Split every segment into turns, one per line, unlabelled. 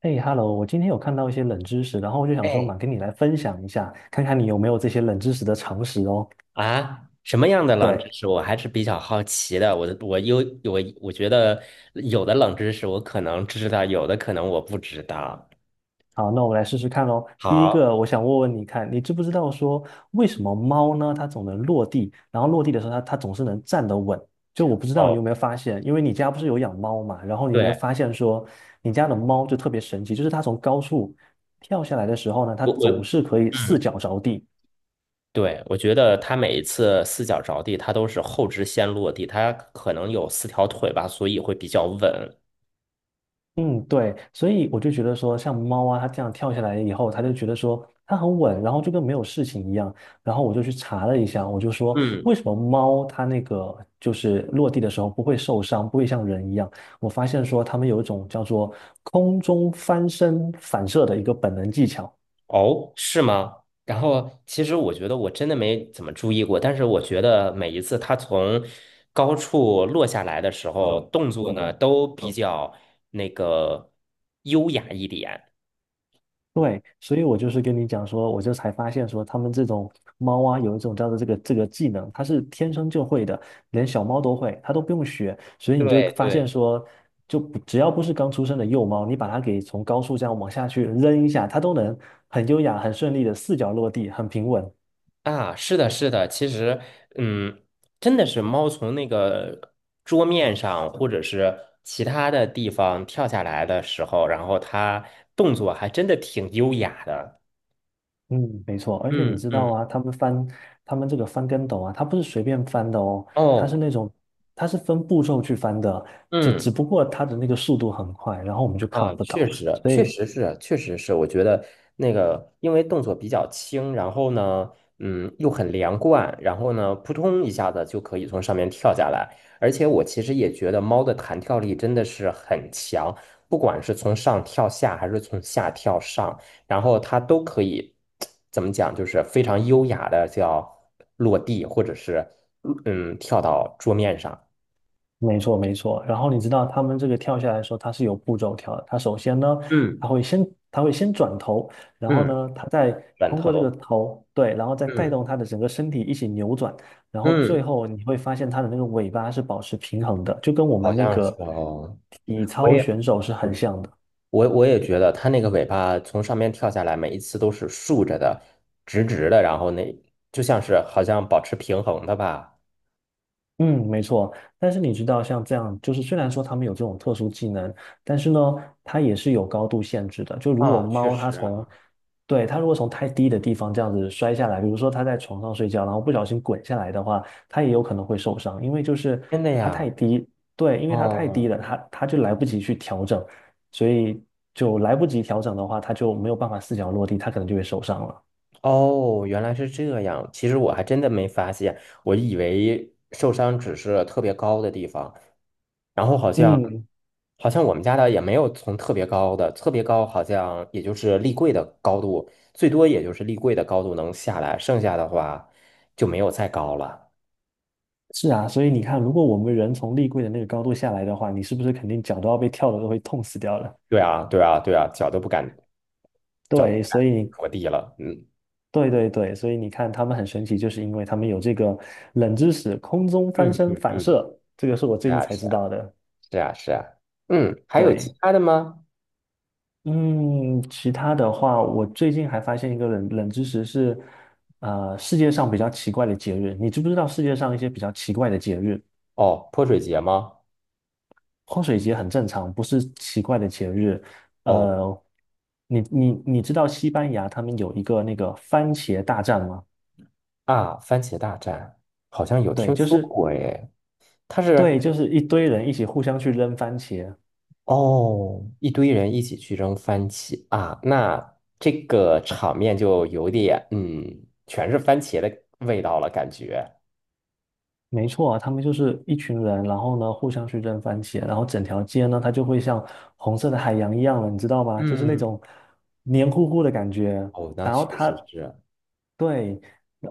嘿 h e l l o 我今天有看到一些冷知识，然后我就想说，
哎
嘛，跟你来分享一下，看看你有没有这些冷知识的常识哦。
啊，什么样的冷
对，
知识我还是比较好奇的。我觉得有的冷知识我可能知道，有的可能我不知道。
好，那我们来试试看喽。第一个，
好，
我想问问你看，你知不知道说为什么猫呢，它总能落地，然后落地的时候它总是能站得稳？就我不知道你
哦，
有没有发现，因为你家不是有养猫嘛，然后你有没有
对，
发现说你家的猫就特别神奇，就是它从高处跳下来的时候呢，它
我我
总是可以四
嗯，
脚着地。
对，我觉得他每一次四脚着地，他都是后肢先落地，他可能有四条腿吧，所以会比较稳。
嗯，对，所以我就觉得说，像猫啊，它这样跳下来以后，它就觉得说它很稳，然后就跟没有事情一样。然后我就去查了一下，我就说
嗯。
为什么猫它那个就是落地的时候不会受伤，不会像人一样。我发现说它们有一种叫做空中翻身反射的一个本能技巧。
哦，是吗？然后其实我觉得我真的没怎么注意过，但是我觉得每一次它从高处落下来的时候，动作呢都比较那个优雅一点。
对，所以我就是跟你讲说，我就才发现说，他们这种猫啊，有一种叫做这个技能，它是天生就会的，连小猫都会，它都不用学。所以你就
对
发现
对
说，就不只要不是刚出生的幼猫，你把它给从高处这样往下去扔一下，它都能很优雅、很顺利的四脚落地，很平稳。
啊，是的，是的，其实嗯，真的是猫从那个桌面上或者是其他的地方跳下来的时候，然后它动作还真的挺优雅的。
嗯，没错。而且你
嗯
知道
嗯，
啊，他们这个翻跟斗啊，他不是随便翻的哦，他是
哦，
那种他是分步骤去翻的，就只
嗯。
不过他的那个速度很快，然后我们就看
啊，
不到。
确实，
所
确
以
实是，确实是，我觉得那个，因为动作比较轻，然后呢，嗯，又很连贯，然后呢，扑通一下子就可以从上面跳下来。而且我其实也觉得猫的弹跳力真的是很强，不管是从上跳下，还是从下跳上，然后它都可以，怎么讲，就是非常优雅的叫落地，或者是跳到桌面上。
没错，没错。然后你知道他们这个跳下来的时候，它是有步骤跳的。它首先呢，它
嗯
会先它会先转头，然后
嗯，
呢，它再
转
通过这个
头，
头，对，然后再带
嗯
动它的整个身体一起扭转，然后最
嗯。
后你会发现它的那个尾巴是保持平衡的，就跟我
好
们那
像是
个
哦，
体
我
操
也，
选手是很
对，
像的。
我也觉得它那个尾巴从上面跳下来，每一次都是竖着的、直直的，然后那就像是好像保持平衡的吧？
嗯，没错。但是你知道，像这样，就是虽然说他们有这种特殊技能，但是呢，它也是有高度限制的。就如果
啊，确
猫它
实
从，
啊，
对，它如果从太低的地方这样子摔下来，比如说它在床上睡觉，然后不小心滚下来的话，它也有可能会受伤，因为就是
真的
它太
呀。
低，对，因为它太低了，
哦
它就来不及去调整，所以就来不及调整的话，它就没有办法四脚落地，它可能就会受伤了。
哦，原来是这样。其实我还真的没发现，我以为受伤只是特别高的地方。然后好像
嗯，
好像我们家的也没有从特别高的，特别高好像也就是立柜的高度，最多也就是立柜的高度能下来，剩下的话就没有再高了。
是啊，所以你看，如果我们人从立柜的那个高度下来的话，你是不是肯定脚都要被跳的都会痛死掉了？
对啊，对啊，对啊，脚都不敢，脚都不
对，
敢着地了。嗯
对对对，所以你看他们很神奇，就是因为他们有这个冷知识，空中翻
嗯
身
嗯
反
嗯，
射，这个是我最
是
近
啊
才知
是啊
道的。
是啊是啊。嗯，还有其
对，
他的吗？
嗯，其他的话，我最近还发现一个冷知识是，世界上比较奇怪的节日。你知不知道世界上一些比较奇怪的节日？
哦，泼水节吗？
泼水节很正常，不是奇怪的节日。
哦
呃，你知道西班牙他们有一个那个番茄大战吗？
啊，番茄大战好像有
对，
听说过耶。它
对，
是
就是一堆人一起互相去扔番茄。
哦，一堆人一起去扔番茄啊，那这个场面就有点，嗯，全是番茄的味道了，感觉。
没错啊，他们就是一群人，然后呢互相去扔番茄，然后整条街呢它就会像红色的海洋一样了。你知道吗？就是那
嗯，
种黏糊糊的感觉。
哦，那
然后
确
它，
实是。
对，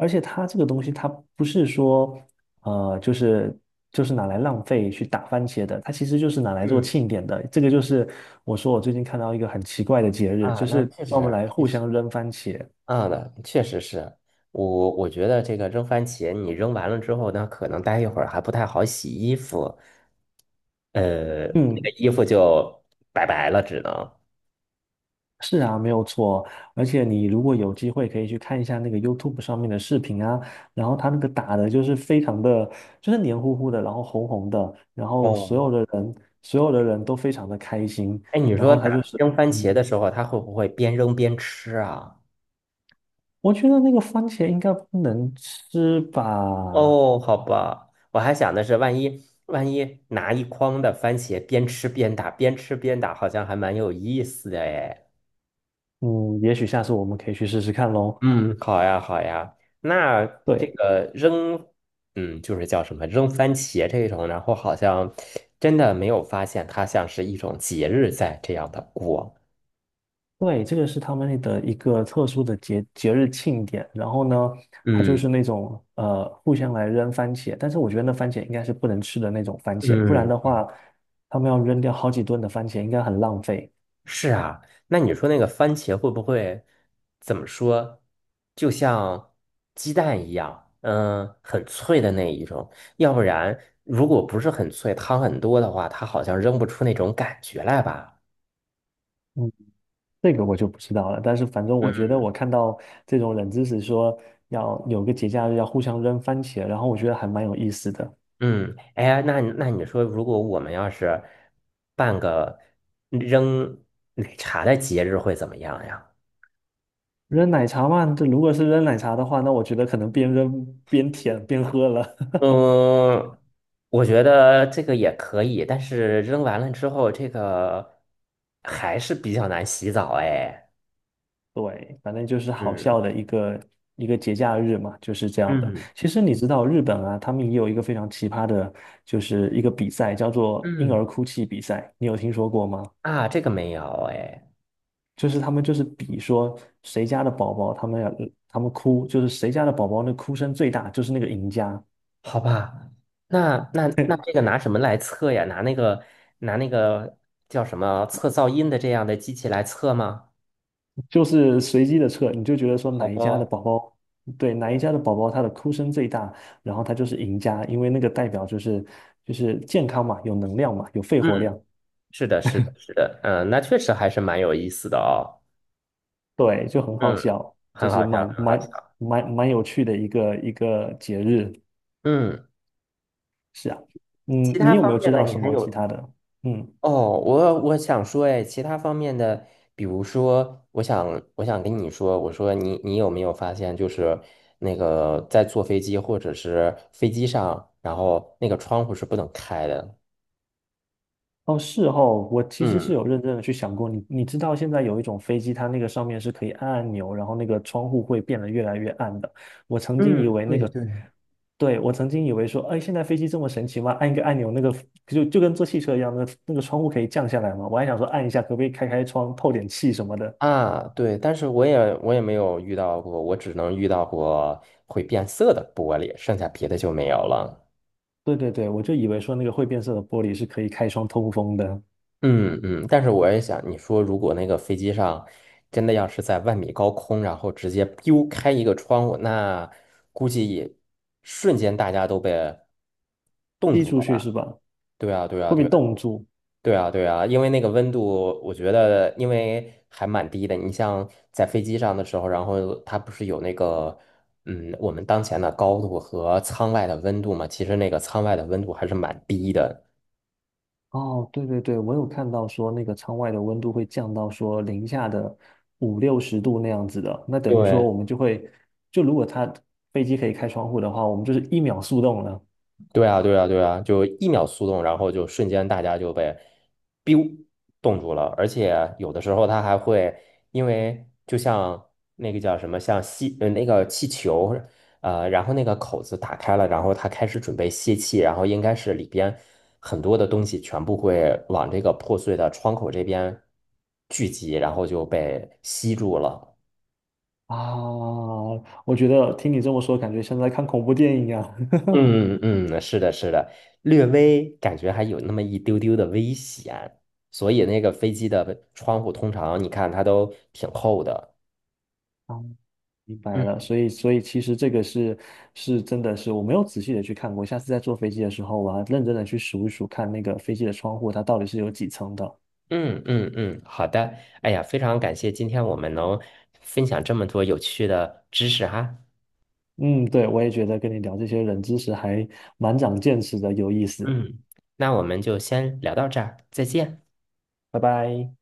而且它这个东西它不是说呃就是拿来浪费去打番茄的，它其实就是拿来做
嗯，
庆典的。这个就是我说我最近看到一个很奇怪的节日，
啊，
就
那
是
确
专门
实
来
确
互
实，
相扔番茄。
啊，那确实是，我觉得这个扔番茄，你扔完了之后那可能待一会儿还不太好洗衣服，呃，那个
嗯，
衣服就拜拜了，只能。
是啊，没有错。而且你如果有机会，可以去看一下那个 YouTube 上面的视频啊，然后他那个打的就是非常的，就是黏糊糊的，然后红红的，然后所
哦，
有的人，所有的人都非常的开心。
哎，你
然
说
后他
打
就是，
扔番茄
嗯，
的时候，它会不会边扔边吃啊？
我觉得那个番茄应该不能吃吧。
哦，好吧，我还想的是，万一拿一筐的番茄边吃边打，边吃边打，好像还蛮有意思的哎。
嗯，也许下次我们可以去试试看喽。
嗯，好呀，好呀。那这
对，
个扔，嗯，就是叫什么扔番茄这种，然后好像真的没有发现它像是一种节日在这样的过。
对，这个是他们的一个特殊的节日庆典，然后呢，它就
嗯
是那种互相来扔番茄，但是我觉得那番茄应该是不能吃的那种番茄，不然
嗯。
的话，他们要扔掉好几吨的番茄，应该很浪费。
是啊，那你说那个番茄会不会怎么说？就像鸡蛋一样，嗯，很脆的那一种。要不然，如果不是很脆，汤很多的话，它好像扔不出那种感觉来吧？
嗯，这个我就不知道了，但是反正我觉
嗯，
得我看到这种冷知识说要有个节假日要互相扔番茄，然后我觉得还蛮有意思的。
嗯，哎呀，那你说，如果我们要是办个扔奶茶的节日会怎么样呀？
扔奶茶嘛，这如果是扔奶茶的话，那我觉得可能边扔边舔边喝了。
嗯，我觉得这个也可以，但是扔完了之后，这个还是比较难洗澡哎。
对，反正就是好笑
嗯
的一个节假日嘛，就是这样的。
嗯
其实你知道日本啊，他们也有一个非常奇葩的，就是一个比赛，叫做婴
嗯，
儿哭泣比赛，你有听说过吗？
啊，这个没有，哎，
就是他们就是比说谁家的宝宝，他们哭，就是谁家的宝宝那哭声最大，就是那个赢家。
好吧，那 这个拿什么来测呀？拿那个拿那个叫什么测噪音的这样的机器来测吗？
就是随机的测，你就觉得说
好
哪一家的
吧，
宝宝，对，哪一家的宝宝他的哭声最大，然后他就是赢家，因为那个代表就是健康嘛，有能量嘛，有肺
嗯，
活量。
是的，是的，是的，嗯，那确实还是蛮有意思的哦。
对，就很好
嗯，
笑，就
很
是
好笑，
蛮
很好
蛮
笑。
蛮蛮有趣的一个节日。
嗯，
是啊。嗯，
其
你
他
有没
方
有知
面呢，
道
你
什
还
么其
有？
他的？嗯，
哦，我想说，哎，其他方面的，比如说，我想跟你说，我说你有没有发现，就是那个在坐飞机或者是飞机上，然后那个窗户是不能开的。
哦，事后我其实
嗯。
是有认真的去想过。你知道现在有一种飞机，它那个上面是可以按按钮，然后那个窗户会变得越来越暗的。我曾经以
嗯，
为那
对
个，
对。
对，我曾经以为说，哎，现在飞机这么神奇吗？按一个按钮，那个就跟坐汽车一样，那个窗户可以降下来吗？我还想说按一下，可不可以开开窗透点气什么的。
啊，对，但是我也没有遇到过，我只能遇到过会变色的玻璃，剩下别的就没有了。
对对对，我就以为说那个会变色的玻璃是可以开窗通风的。
嗯嗯，但是我也想，你说如果那个飞机上真的要是在万米高空，然后直接丢开一个窗户，那估计也瞬间大家都被冻
滴
住
出
了
去是
吧？
吧？
对啊，对啊，
会被
对啊，
冻住。
对啊，对啊，因为那个温度，我觉得因为还蛮低的。你像在飞机上的时候，然后它不是有那个嗯，我们当前的高度和舱外的温度嘛？其实那个舱外的温度还是蛮低的。
哦，对对对，我有看到说那个窗外的温度会降到说零下的五六十度那样子的，那等于说我
对，
们就会，就如果它飞机可以开窗户的话，我们就是一秒速冻了！
对啊，对啊，对啊，就一秒速冻，然后就瞬间大家就被 biu 冻住了，而且有的时候它还会因为就像那个叫什么，像吸那个气球，呃，然后那个口子打开了，然后它开始准备泄气，然后应该是里边很多的东西全部会往这个破碎的窗口这边聚集，然后就被吸住了。
啊！我觉得听你这么说，感觉像在看恐怖电影啊。
嗯嗯，是的，是的，略微感觉还有那么一丢丢的危险，所以那个飞机的窗户通常你看它都挺厚的。
哦，明白了，
嗯
所以其实这个是真的是我没有仔细的去看过。下次在坐飞机的时候，我要认真的去数一数，看那个飞机的窗户它到底是有几层的。
嗯嗯嗯，好的。哎呀，非常感谢今天我们能分享这么多有趣的知识哈。
嗯，对，我也觉得跟你聊这些冷知识还蛮长见识的，有意思。
嗯，那我们就先聊到这儿，再见。
拜拜。